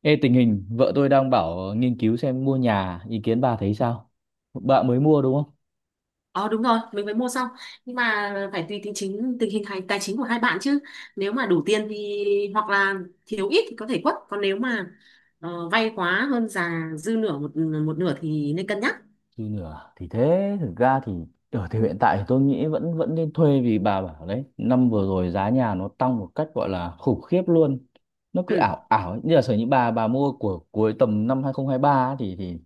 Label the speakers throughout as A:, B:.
A: Ê, tình hình vợ tôi đang bảo nghiên cứu xem mua nhà, ý kiến bà thấy sao? Bạn mới mua đúng không?
B: Ờ đúng rồi, mình mới mua xong. Nhưng mà phải tùy tình hình tài chính của hai bạn chứ. Nếu mà đủ tiền thì hoặc là thiếu ít thì có thể quất, còn nếu mà vay quá hơn giá dư nửa một một nửa thì nên cân nhắc.
A: Thì nửa thì thế thực ra thì ở thì hiện tại thì tôi nghĩ vẫn vẫn nên thuê, vì bà bảo đấy, năm vừa rồi giá nhà nó tăng một cách gọi là khủng khiếp luôn, nó cứ
B: Ừ.
A: ảo ảo ấy. Như là sở những bà mua của cuối tầm năm 2023 ấy, thì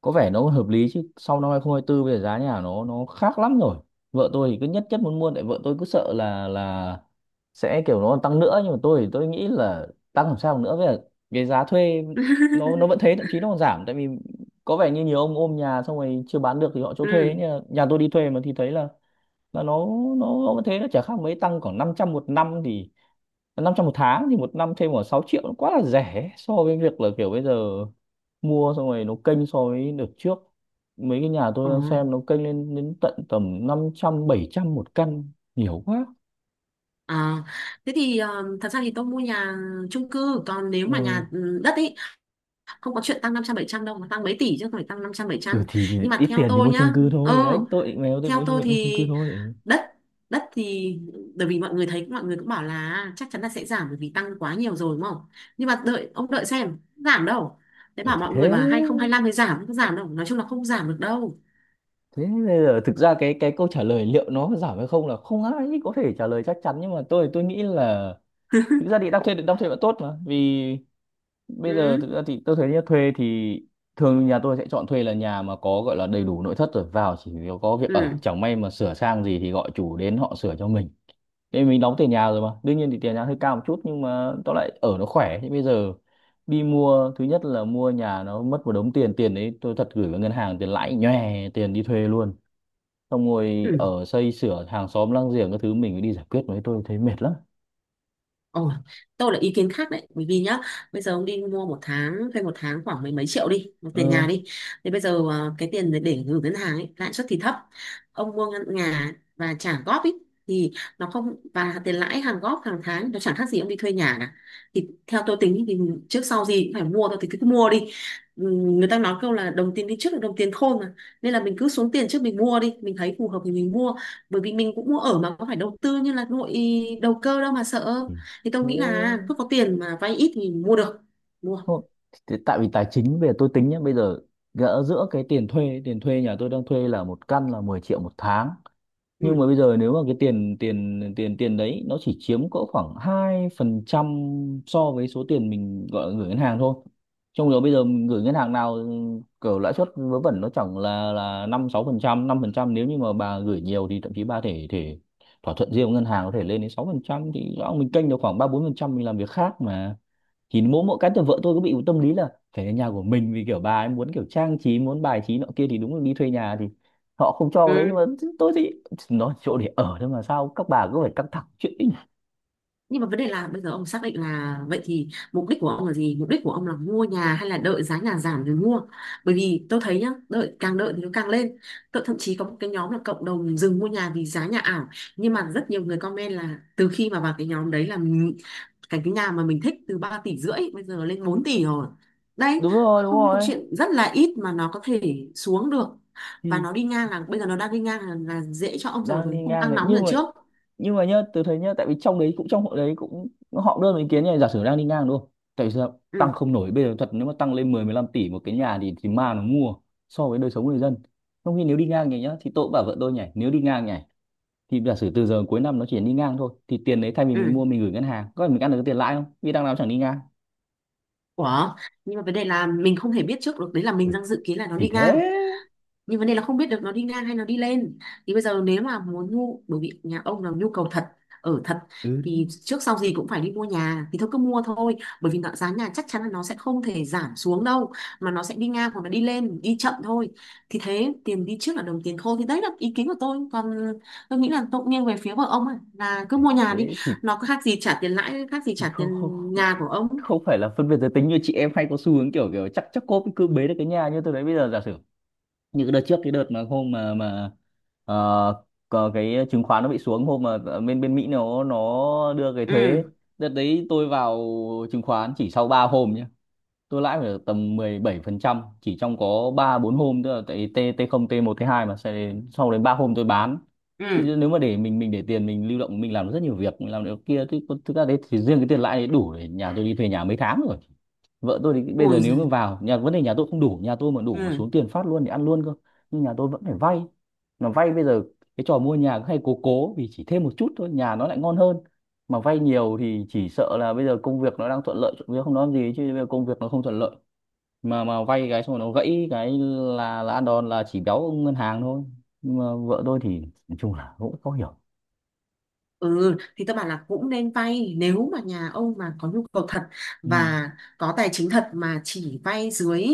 A: có vẻ nó hợp lý, chứ sau năm 2024 bây giờ giá nhà nó khác lắm rồi. Vợ tôi thì cứ nhất nhất muốn mua, tại vợ tôi cứ sợ là sẽ kiểu nó tăng nữa, nhưng mà tôi thì tôi nghĩ là tăng làm sao nữa bây giờ. Cái giá thuê nó vẫn thế, thậm chí nó còn giảm, tại vì có vẻ như nhiều ông ôm nhà xong rồi chưa bán được thì họ cho thuê ấy.
B: Ừ.
A: Nhà tôi đi thuê mà thì thấy là là nó nó vẫn thế, nó chả khác mấy, tăng khoảng 500 một năm thì 500 một tháng thì một năm thêm khoảng 6 triệu, nó quá là rẻ so với việc là kiểu bây giờ mua xong rồi nó kênh so với đợt trước. Mấy cái nhà tôi
B: Ờ.
A: đang xem nó kênh lên đến tận tầm 500-700 một căn, nhiều quá.
B: À, thế thì thật ra thì tôi mua nhà chung cư, còn nếu mà
A: Ừ.
B: nhà đất ấy, không có chuyện tăng năm trăm bảy trăm đâu mà tăng mấy tỷ chứ không phải tăng năm trăm bảy trăm.
A: Ừ thì
B: Nhưng mà
A: ít
B: theo
A: tiền thì
B: tôi
A: mua chung
B: nhá.
A: cư thôi,
B: Ừ.
A: đấy tôi định mèo tôi
B: Theo tôi
A: mua chung cư
B: thì
A: thôi.
B: đất, đất thì bởi vì mọi người thấy mọi người cũng bảo là chắc chắn là sẽ giảm bởi vì tăng quá nhiều rồi, đúng không? Nhưng mà đợi, ông đợi xem giảm đâu. Thế
A: Ừ
B: bảo
A: thì
B: mọi
A: thế.
B: người mà 2025 mới giảm, không giảm đâu, nói chung là không giảm được đâu.
A: Thế bây giờ thực ra cái câu trả lời liệu nó có giảm hay không là không ai có thể trả lời chắc chắn, nhưng mà tôi nghĩ là thực ra thì đang thuê vẫn tốt mà. Vì bây giờ
B: Ừ.
A: thực ra thì tôi thấy nhá, thuê thì thường nhà tôi sẽ chọn thuê là nhà mà có gọi là đầy đủ nội thất rồi, vào chỉ có việc ở,
B: Ừ.
A: chẳng may mà sửa sang gì thì gọi chủ đến họ sửa cho mình, thế mình đóng tiền nhà rồi. Mà đương nhiên thì tiền nhà hơi cao một chút, nhưng mà tóm lại ở nó khỏe. Thế bây giờ đi mua, thứ nhất là mua nhà nó mất một đống tiền, tiền đấy tôi thật gửi vào ngân hàng tiền lãi nhòe tiền đi thuê luôn. Xong
B: Ừ.
A: rồi ở xây sửa hàng xóm láng giềng các thứ mình phải đi giải quyết, mấy tôi thấy mệt lắm.
B: Ồ, tôi là ý kiến khác đấy, bởi vì nhá bây giờ ông đi mua, một tháng thuê một tháng khoảng mấy mấy triệu đi tiền
A: Ừ.
B: nhà đi, thì bây giờ cái tiền để gửi ngân hàng ấy, lãi suất thì thấp. Ông mua nhà và trả góp ấy, thì nó không, và tiền lãi hàng góp hàng tháng nó chẳng khác gì ông đi thuê nhà cả. Thì theo tôi tính thì trước sau gì cũng phải mua thôi, thì cứ mua đi. Ừ, người ta nói câu là đồng tiền đi trước là đồng tiền khôn mà, nên là mình cứ xuống tiền trước, mình mua đi, mình thấy phù hợp thì mình mua, bởi vì mình cũng mua ở mà có phải đầu tư như là đầu cơ đâu mà sợ.
A: Ừ.
B: Thì
A: Ừ.
B: tôi nghĩ là
A: Thế
B: cứ có tiền mà vay ít thì mua được mua.
A: thôi, thế tại vì tài chính bây giờ tôi tính nhé, bây giờ gỡ giữa cái tiền thuê nhà tôi đang thuê là một căn là 10 triệu một tháng. Nhưng mà
B: Ừ.
A: bây giờ nếu mà cái tiền tiền tiền tiền đấy nó chỉ chiếm cỡ khoảng 2% so với số tiền mình gọi là gửi ngân hàng thôi. Trong đó bây giờ mình gửi ngân hàng nào kiểu lãi suất vớ vẩn nó chẳng là 5-6%, 5%, nếu như mà bà gửi nhiều thì thậm chí bà thể thể thỏa thuận riêng với ngân hàng có thể lên đến 6%, thì rõ mình kênh được khoảng 3-4% mình làm việc khác mà. Thì mỗi mỗi cái từ vợ tôi cứ bị một tâm lý là phải là nhà của mình, vì kiểu bà ấy muốn kiểu trang trí, muốn bài trí nọ kia, thì đúng là đi thuê nhà thì họ không cho đấy.
B: Ừ.
A: Nhưng mà tôi thì nó chỗ để ở thôi, mà sao các bà cứ phải căng thẳng chuyện ấy nhỉ?
B: Nhưng mà vấn đề là bây giờ ông xác định là vậy thì mục đích của ông là gì, mục đích của ông là mua nhà hay là đợi giá nhà giảm rồi mua? Bởi vì tôi thấy nhá, đợi, càng đợi thì nó càng lên. Tôi thậm chí có một cái nhóm là cộng đồng dừng mua nhà vì giá nhà ảo, nhưng mà rất nhiều người comment là từ khi mà vào cái nhóm đấy là cái nhà mà mình thích từ 3,5 tỷ bây giờ lên 4 tỷ rồi đấy.
A: Đúng rồi, đúng
B: Không có
A: rồi,
B: chuyện, rất là ít mà nó có thể xuống được. Và
A: thì
B: nó đi ngang, là bây giờ nó đang đi ngang là dễ cho ông rồi,
A: đang
B: còn
A: đi
B: không
A: ngang
B: tăng
A: đấy.
B: nóng như
A: Nhưng
B: lần
A: mà
B: trước.
A: nhá, từ thấy nhá, tại vì trong đấy cũng họ đưa ý kiến này, giả sử đang đi ngang đúng không, tại vì sao tăng
B: Ừ.
A: không nổi bây giờ thật, nếu mà tăng lên mười mười 15 tỷ một cái nhà thì ma nó mua, so với đời sống người dân. Trong khi nếu đi ngang nhỉ nhá, thì tôi cũng bảo vợ tôi nhỉ, nếu đi ngang nhỉ, thì giả sử từ giờ cuối năm nó chỉ đi ngang thôi thì tiền đấy thay vì mình
B: Ừ.
A: mua mình gửi ngân hàng có phải mình ăn được cái tiền lãi không, vì đằng nào chẳng đi ngang.
B: Ủa, nhưng mà vấn đề là mình không thể biết trước được đấy, là
A: Ừ.
B: mình đang dự kiến là nó
A: Thì
B: đi
A: thế.
B: ngang, nhưng vấn đề là không biết được nó đi ngang hay nó đi lên. Thì bây giờ nếu mà muốn, bởi vì nhà ông là nhu cầu thật, ở thật,
A: Ừ
B: thì
A: đúng.
B: trước sau gì cũng phải đi mua nhà, thì thôi cứ mua thôi. Bởi vì giá nhà chắc chắn là nó sẽ không thể giảm xuống đâu, mà nó sẽ đi ngang hoặc là đi lên đi chậm thôi. Thì thế tiền đi trước là đồng tiền khô, thì đấy là ý kiến của tôi. Còn tôi nghĩ là tôi cũng nghiêng về phía của ông ấy, là cứ mua nhà đi,
A: Thế
B: nó có khác gì trả tiền lãi, khác gì
A: thì
B: trả
A: không, không,
B: tiền
A: không,
B: nhà của ông.
A: không phải là phân biệt giới tính như chị em hay có xu hướng kiểu kiểu chắc chắc cô cứ bế được cái nhà. Như tôi đấy, bây giờ giả sử như cái đợt trước, cái đợt mà hôm mà ờ, có cái chứng khoán nó bị xuống, hôm mà bên bên Mỹ nó đưa cái
B: Ừ.
A: thuế, đợt đấy tôi vào chứng khoán chỉ sau 3 hôm nhá, tôi lãi phải được tầm 17% chỉ trong có 3-4 hôm, tức là tại T T0 t một t hai, mà sau đến 3 hôm tôi bán. Thì
B: Ừ.
A: nếu mà để mình để tiền mình lưu động mình làm được rất nhiều việc, mình làm được kia, thì thực ra đấy thì riêng cái tiền lãi đấy đủ để nhà tôi đi thuê nhà mấy tháng rồi. Vợ tôi thì bây giờ
B: Ui
A: nếu mà
B: giời.
A: vào nhà, vấn đề nhà tôi không đủ, nhà tôi mà đủ mà
B: Ừ.
A: xuống tiền phát luôn thì ăn luôn cơ. Nhưng nhà tôi vẫn phải vay. Mà vay bây giờ cái trò mua nhà cứ hay cố, vì chỉ thêm một chút thôi nhà nó lại ngon hơn. Mà vay nhiều thì chỉ sợ là bây giờ công việc nó đang thuận lợi trộm không nói gì, chứ bây giờ công việc nó không thuận lợi mà vay cái xong rồi nó gãy cái là ăn đòn, là chỉ béo ông ngân hàng thôi. Nhưng mà vợ tôi thì nói chung là cũng có hiểu.
B: Ừ, thì tôi bảo là cũng nên vay nếu mà nhà ông mà có nhu cầu thật
A: Ừ.
B: và có tài chính thật, mà chỉ vay dưới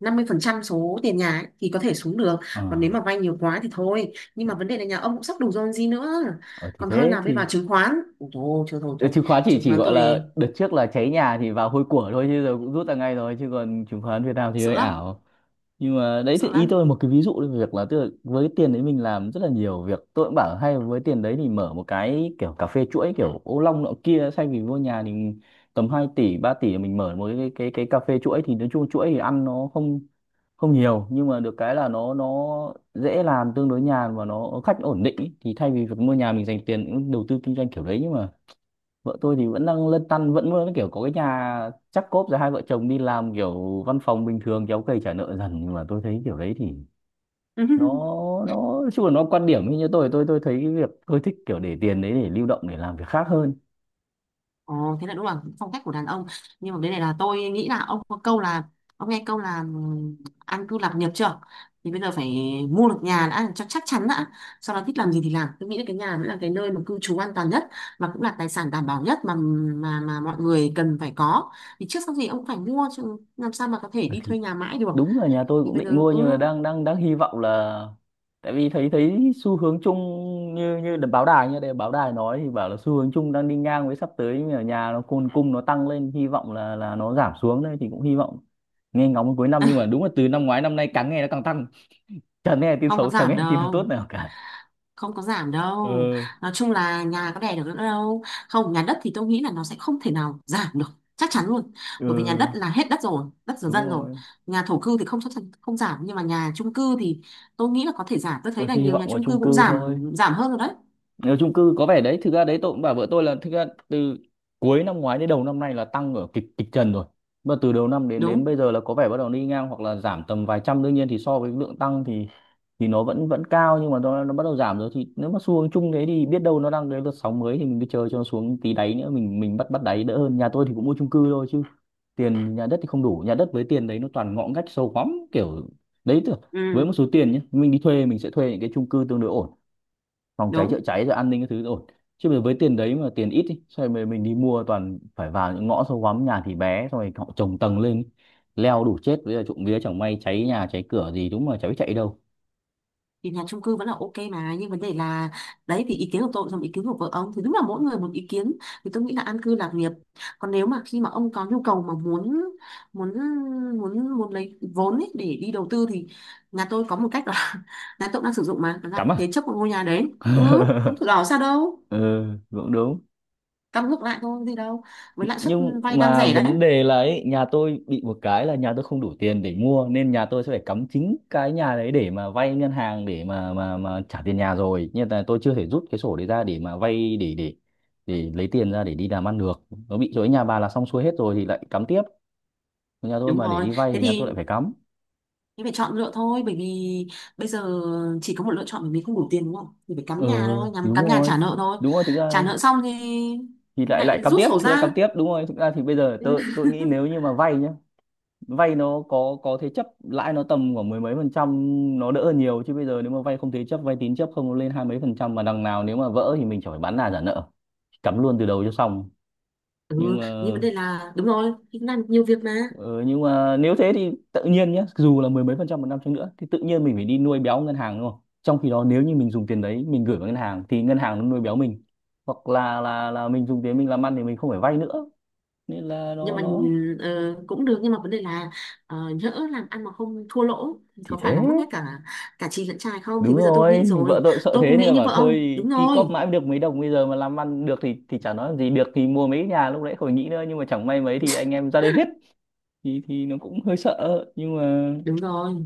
B: 50% số tiền nhà ấy, thì có thể xuống được.
A: ờ
B: Còn nếu mà vay nhiều quá thì thôi, nhưng mà vấn đề là nhà ông cũng sắp đủ rồi còn gì nữa,
A: ờ, thì
B: còn hơn
A: thế
B: là bây
A: thì.
B: vào chứng khoán. Ủa, thôi thôi thôi
A: Ờ,
B: thôi,
A: chứng khoán chỉ
B: chứng
A: chỉ
B: khoán
A: gọi là
B: tôi
A: đợt trước là cháy nhà thì vào hôi của thôi, chứ giờ cũng rút ra ngay rồi, chứ còn chứng khoán Việt Nam thì
B: sợ
A: hơi
B: lắm,
A: ảo. Nhưng mà đấy thì
B: sợ
A: ý
B: lắm.
A: tôi một cái ví dụ về việc là, tức là với cái tiền đấy mình làm rất là nhiều việc. Tôi cũng bảo hay với tiền đấy thì mở một cái kiểu cà phê chuỗi kiểu ô long nọ kia thay vì mua nhà, thì tầm 2 tỷ 3 tỷ mình mở một cái cà phê chuỗi, thì nói chung chuỗi thì ăn nó không không nhiều, nhưng mà được cái là nó dễ làm, tương đối nhàn, và nó khách ổn định ý. Thì thay vì việc mua nhà mình dành tiền cũng đầu tư kinh doanh kiểu đấy. Nhưng mà vợ tôi thì vẫn đang lăn tăn, vẫn vẫn kiểu có cái nhà chắc cốp rồi hai vợ chồng đi làm kiểu văn phòng bình thường kéo cày trả nợ dần. Nhưng mà tôi thấy kiểu đấy thì nó nói chung là nó quan điểm như tôi, tôi thấy cái việc tôi thích kiểu để tiền đấy để lưu động để làm việc khác hơn.
B: Ồ, thế là đúng là phong cách của đàn ông. Nhưng mà bên này là tôi nghĩ là ông có câu là, ông nghe câu là an cư lạc nghiệp chưa, thì bây giờ phải mua được nhà đã cho chắc chắn đã, sau đó thích làm gì thì làm. Tôi nghĩ là cái nhà mới là cái nơi mà cư trú an toàn nhất, và cũng là tài sản đảm bảo nhất mà mọi người cần phải có. Thì trước sau gì ông cũng phải mua chứ làm sao mà có thể
A: Ừ,
B: đi
A: thì
B: thuê nhà mãi được.
A: đúng là nhà tôi
B: Thì
A: cũng
B: bây
A: định
B: giờ
A: mua, nhưng mà đang đang đang hy vọng là, tại vì thấy thấy xu hướng chung, như như đ- báo đài, như đây báo đài nói thì bảo là xu hướng chung đang đi ngang với sắp tới, nhưng mà nhà nó cung cung nó tăng lên, hy vọng là nó giảm xuống đây, thì cũng hy vọng nghe ngóng cuối năm. Nhưng mà đúng là từ năm ngoái năm nay càng nghe nó càng tăng, chẳng nghe tin
B: không có
A: xấu, chẳng
B: giảm
A: nghe tin nào tốt
B: đâu,
A: nào cả.
B: không có giảm đâu,
A: Ừ.
B: nói chung là nhà có đẻ được nữa đâu. Không, nhà đất thì tôi nghĩ là nó sẽ không thể nào giảm được, chắc chắn luôn, bởi vì nhà
A: Ừ,
B: đất là hết đất rồi, đất rồi
A: đúng
B: dân rồi.
A: rồi.
B: Nhà thổ cư thì không, chắc chắn không giảm, nhưng mà nhà chung cư thì tôi nghĩ là có thể giảm. Tôi thấy
A: Ừ
B: là
A: thì hy
B: nhiều
A: vọng
B: nhà
A: vào
B: chung cư
A: chung
B: cũng
A: cư thôi.
B: giảm, giảm hơn rồi đấy.
A: Nếu chung cư có vẻ đấy, thực ra đấy tôi cũng bảo vợ tôi là thực ra từ cuối năm ngoái đến đầu năm nay là tăng ở kịch kịch trần rồi, mà từ đầu năm đến đến
B: Đúng.
A: bây giờ là có vẻ bắt đầu đi ngang hoặc là giảm tầm vài trăm. Đương nhiên thì so với lượng tăng thì nó vẫn vẫn cao, nhưng mà nó bắt đầu giảm rồi. Thì nếu mà xu hướng chung thế thì biết đâu nó đang cái đợt sóng mới, thì mình cứ chờ cho nó xuống tí đáy nữa mình bắt bắt đáy đỡ hơn. Nhà tôi thì cũng mua chung cư thôi chứ tiền nhà đất thì không đủ, nhà đất với tiền đấy nó toàn ngõ ngách sâu hoắm kiểu đấy thôi. Với một
B: Ừ.
A: số tiền nhé mình đi thuê mình sẽ thuê những cái chung cư tương đối ổn, phòng cháy chữa
B: Đúng.
A: cháy rồi an ninh Các thứ ổn. Chứ bây giờ với tiền đấy mà tiền ít ý, xong rồi mình đi mua toàn phải vào những ngõ sâu hoắm, nhà thì bé, xong rồi họ trồng tầng lên ý. Leo đủ chết. Bây giờ trộm vía chẳng may cháy nhà cháy cửa gì, đúng mà cháy chạy đâu?
B: Thì nhà chung cư vẫn là ok mà, nhưng vấn đề là đấy, thì ý kiến của tôi xong, ý kiến của vợ ông thì đúng là mỗi người một ý kiến. Thì tôi nghĩ là an cư lạc nghiệp. Còn nếu mà khi mà ông có nhu cầu mà muốn muốn muốn muốn lấy vốn ấy để đi đầu tư thì nhà tôi có một cách là, nhà tôi cũng đang sử dụng mà, đó
A: Cắm
B: là
A: à?
B: thế chấp một ngôi nhà đấy, không thủ đỏ sao đâu.
A: Ừ, cũng đúng.
B: Cắm ngược lại thôi, gì đâu, với lãi suất
A: Nhưng
B: vay đang
A: mà
B: rẻ
A: vấn
B: đấy.
A: đề là ấy, nhà tôi bị một cái là nhà tôi không đủ tiền để mua, nên nhà tôi sẽ phải cắm chính cái nhà đấy để mà vay ngân hàng để mà trả tiền nhà rồi, nhưng mà tôi chưa thể rút cái sổ đấy ra để mà vay, để để lấy tiền ra để đi làm ăn được. Nó bị chỗ nhà bà là xong xuôi hết rồi thì lại cắm tiếp. Nhà tôi
B: Đúng
A: mà để
B: rồi,
A: đi vay
B: thế
A: thì nhà
B: thì
A: tôi lại phải cắm.
B: em phải chọn lựa thôi, bởi vì bây giờ chỉ có một lựa chọn, bởi vì không đủ tiền đúng không? Thì phải
A: Ừ,
B: cắm nhà thôi, nhắm
A: đúng
B: cắm nhà
A: rồi,
B: trả nợ thôi.
A: đúng rồi, thực
B: Trả
A: ra
B: nợ xong thì
A: thì lại lại
B: lại
A: cắm
B: rút
A: tiếp,
B: sổ
A: thực ra cắm
B: ra.
A: tiếp, đúng rồi, thực ra thì bây giờ tôi tôi nghĩ nếu như mà vay nhá, vay nó có thế chấp lãi nó tầm khoảng mười mấy phần trăm, nó đỡ hơn nhiều. Chứ bây giờ nếu mà vay không thế chấp, vay tín chấp không, nó lên hai mấy phần trăm, mà đằng nào nếu mà vỡ thì mình chẳng phải bán nhà trả nợ, cắm luôn từ đầu cho xong.
B: Ừ.
A: Nhưng
B: Ừ,
A: mà
B: nhưng vấn đề là đúng rồi, thì làm nhiều việc mà.
A: ờ, nhưng mà nếu thế thì tự nhiên nhé, dù là mười mấy phần trăm một năm chăng nữa thì tự nhiên mình phải đi nuôi béo ngân hàng, đúng không? Trong khi đó nếu như mình dùng tiền đấy mình gửi vào ngân hàng thì ngân hàng nó nuôi béo mình. Hoặc là là mình dùng tiền mình làm ăn thì mình không phải vay nữa, nên là
B: Nhưng mà
A: nó
B: ờ, cũng được, nhưng mà vấn đề là nhỡ làm ăn mà không thua lỗ thì
A: thì
B: có phải
A: thế.
B: là mất hết cả, cả chì lẫn chài không? Thì
A: Đúng
B: bây giờ tôi nghĩ
A: rồi, thì vợ
B: rồi,
A: tôi cũng sợ
B: tôi
A: thế
B: cũng
A: nên
B: nghĩ
A: là
B: như
A: bảo
B: vợ ông.
A: thôi,
B: Đúng
A: ki
B: rồi.
A: cóp mãi mới được mấy đồng, bây giờ mà làm ăn được thì chả nói làm gì, được thì mua mấy cái nhà lúc nãy khỏi nghĩ nữa, nhưng mà chẳng may mấy thì anh em ra đây hết. Thì nó cũng hơi sợ. Nhưng mà
B: Đúng rồi.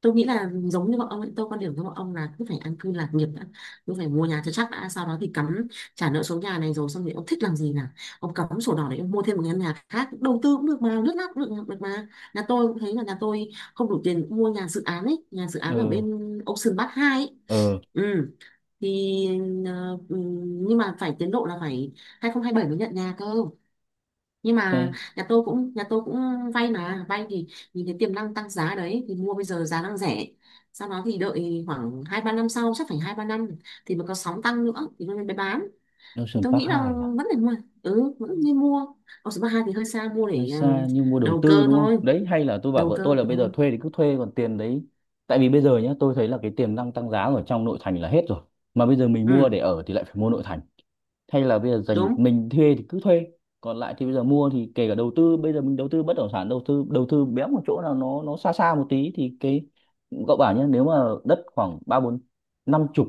B: Tôi nghĩ là giống như bọn ông ấy, tôi quan điểm với bọn ông là cứ phải an cư lạc nghiệp đã, cứ phải mua nhà cho chắc đã, sau đó thì cắm trả nợ số nhà này rồi, xong thì ông thích làm gì là ông cắm sổ đỏ để ông mua thêm một căn nhà khác đầu tư cũng được mà lướt lát cũng được, được mà. Nhà tôi cũng thấy là nhà tôi không đủ tiền mua nhà dự án ấy, nhà dự
A: ờ
B: án ở bên Ocean Park hai ấy.
A: ờ
B: Ừ. Thì ờ, ừ, nhưng mà phải tiến độ là phải 2027 mới nhận nhà cơ, nhưng mà
A: cái
B: nhà tôi cũng vay. Mà vay thì nhìn thấy tiềm năng tăng giá đấy thì mua, bây giờ giá đang rẻ, sau đó thì đợi khoảng hai ba năm sau, chắc phải hai ba năm thì mà có sóng tăng nữa thì mới mới bán. Thì
A: Ocean
B: tôi
A: Park
B: nghĩ là
A: 2 à?
B: vẫn nên mua. Ừ. Ừ. Vẫn nên mua. Còn số ba hai thì hơi xa, mua
A: Hơi
B: để
A: xa nhưng mua đầu
B: đầu
A: tư
B: cơ
A: đúng không?
B: thôi.
A: Đấy, hay là tôi bảo
B: Đầu
A: vợ
B: cơ.
A: tôi là
B: Ừ.
A: bây giờ thuê thì cứ thuê, còn tiền đấy, tại vì bây giờ nhá, tôi thấy là cái tiềm năng tăng giá ở trong nội thành là hết rồi, mà bây giờ mình mua
B: Ừ.
A: để ở thì lại phải mua nội thành. Hay là bây giờ dành
B: Đúng.
A: mình thuê thì cứ thuê, còn lại thì bây giờ mua thì kể cả đầu tư, bây giờ mình đầu tư bất động sản, đầu tư béo một chỗ nào nó xa xa một tí thì cái cậu bảo nhé, nếu mà đất khoảng ba bốn năm chục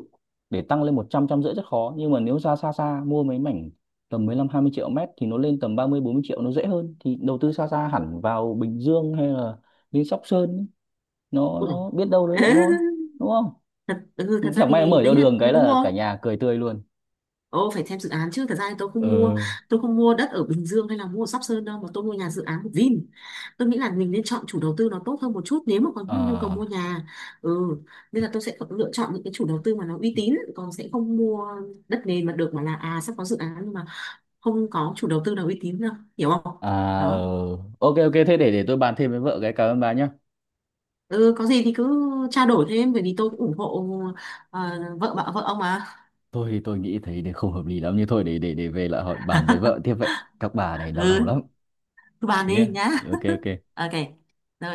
A: để tăng lên 100, 150 rất khó, nhưng mà nếu ra xa xa mua mấy mảnh tầm 15 20 triệu mét thì nó lên tầm 30 40 triệu nó dễ hơn. Thì đầu tư xa xa hẳn vào Bình Dương hay là lên Sóc Sơn ấy, nó
B: Ôi dồi.
A: nó biết đâu đấy lại ngon, đúng không?
B: Thật ra
A: Chẳng may nó
B: thì
A: mở ra
B: đấy là
A: đường cái
B: đúng
A: là
B: rồi.
A: cả nhà cười tươi luôn.
B: Ồ, phải xem dự án chứ. Thật ra thì
A: Ừ.
B: tôi không mua đất ở Bình Dương hay là mua ở Sóc Sơn đâu, mà tôi mua nhà dự án của Vin. Tôi nghĩ là mình nên chọn chủ đầu tư nó tốt hơn một chút nếu mà có nhu cầu
A: Ờ.
B: mua nhà. Ừ, nên là tôi sẽ lựa chọn những cái chủ đầu tư mà nó uy tín, còn sẽ không mua đất nền mà được mà là sắp có dự án nhưng mà không có chủ đầu tư nào uy tín đâu, hiểu không?
A: À, ờ.
B: Đó.
A: Ok ok, thế để tôi bàn thêm với vợ cái. Cảm ơn bà nhá.
B: Ừ, có gì thì cứ trao đổi thêm bởi vì tôi cũng ủng hộ ờ, vợ ông mà.
A: Tôi thì tôi nghĩ thấy để không hợp lý lắm như thôi, để để về lại hỏi bàn với vợ tiếp vậy. Các bà này đau đầu
B: Ừ,
A: lắm.
B: cứ bàn
A: Thế
B: đi
A: nhá.
B: nhá.
A: Ok ok.
B: Ok. Rồi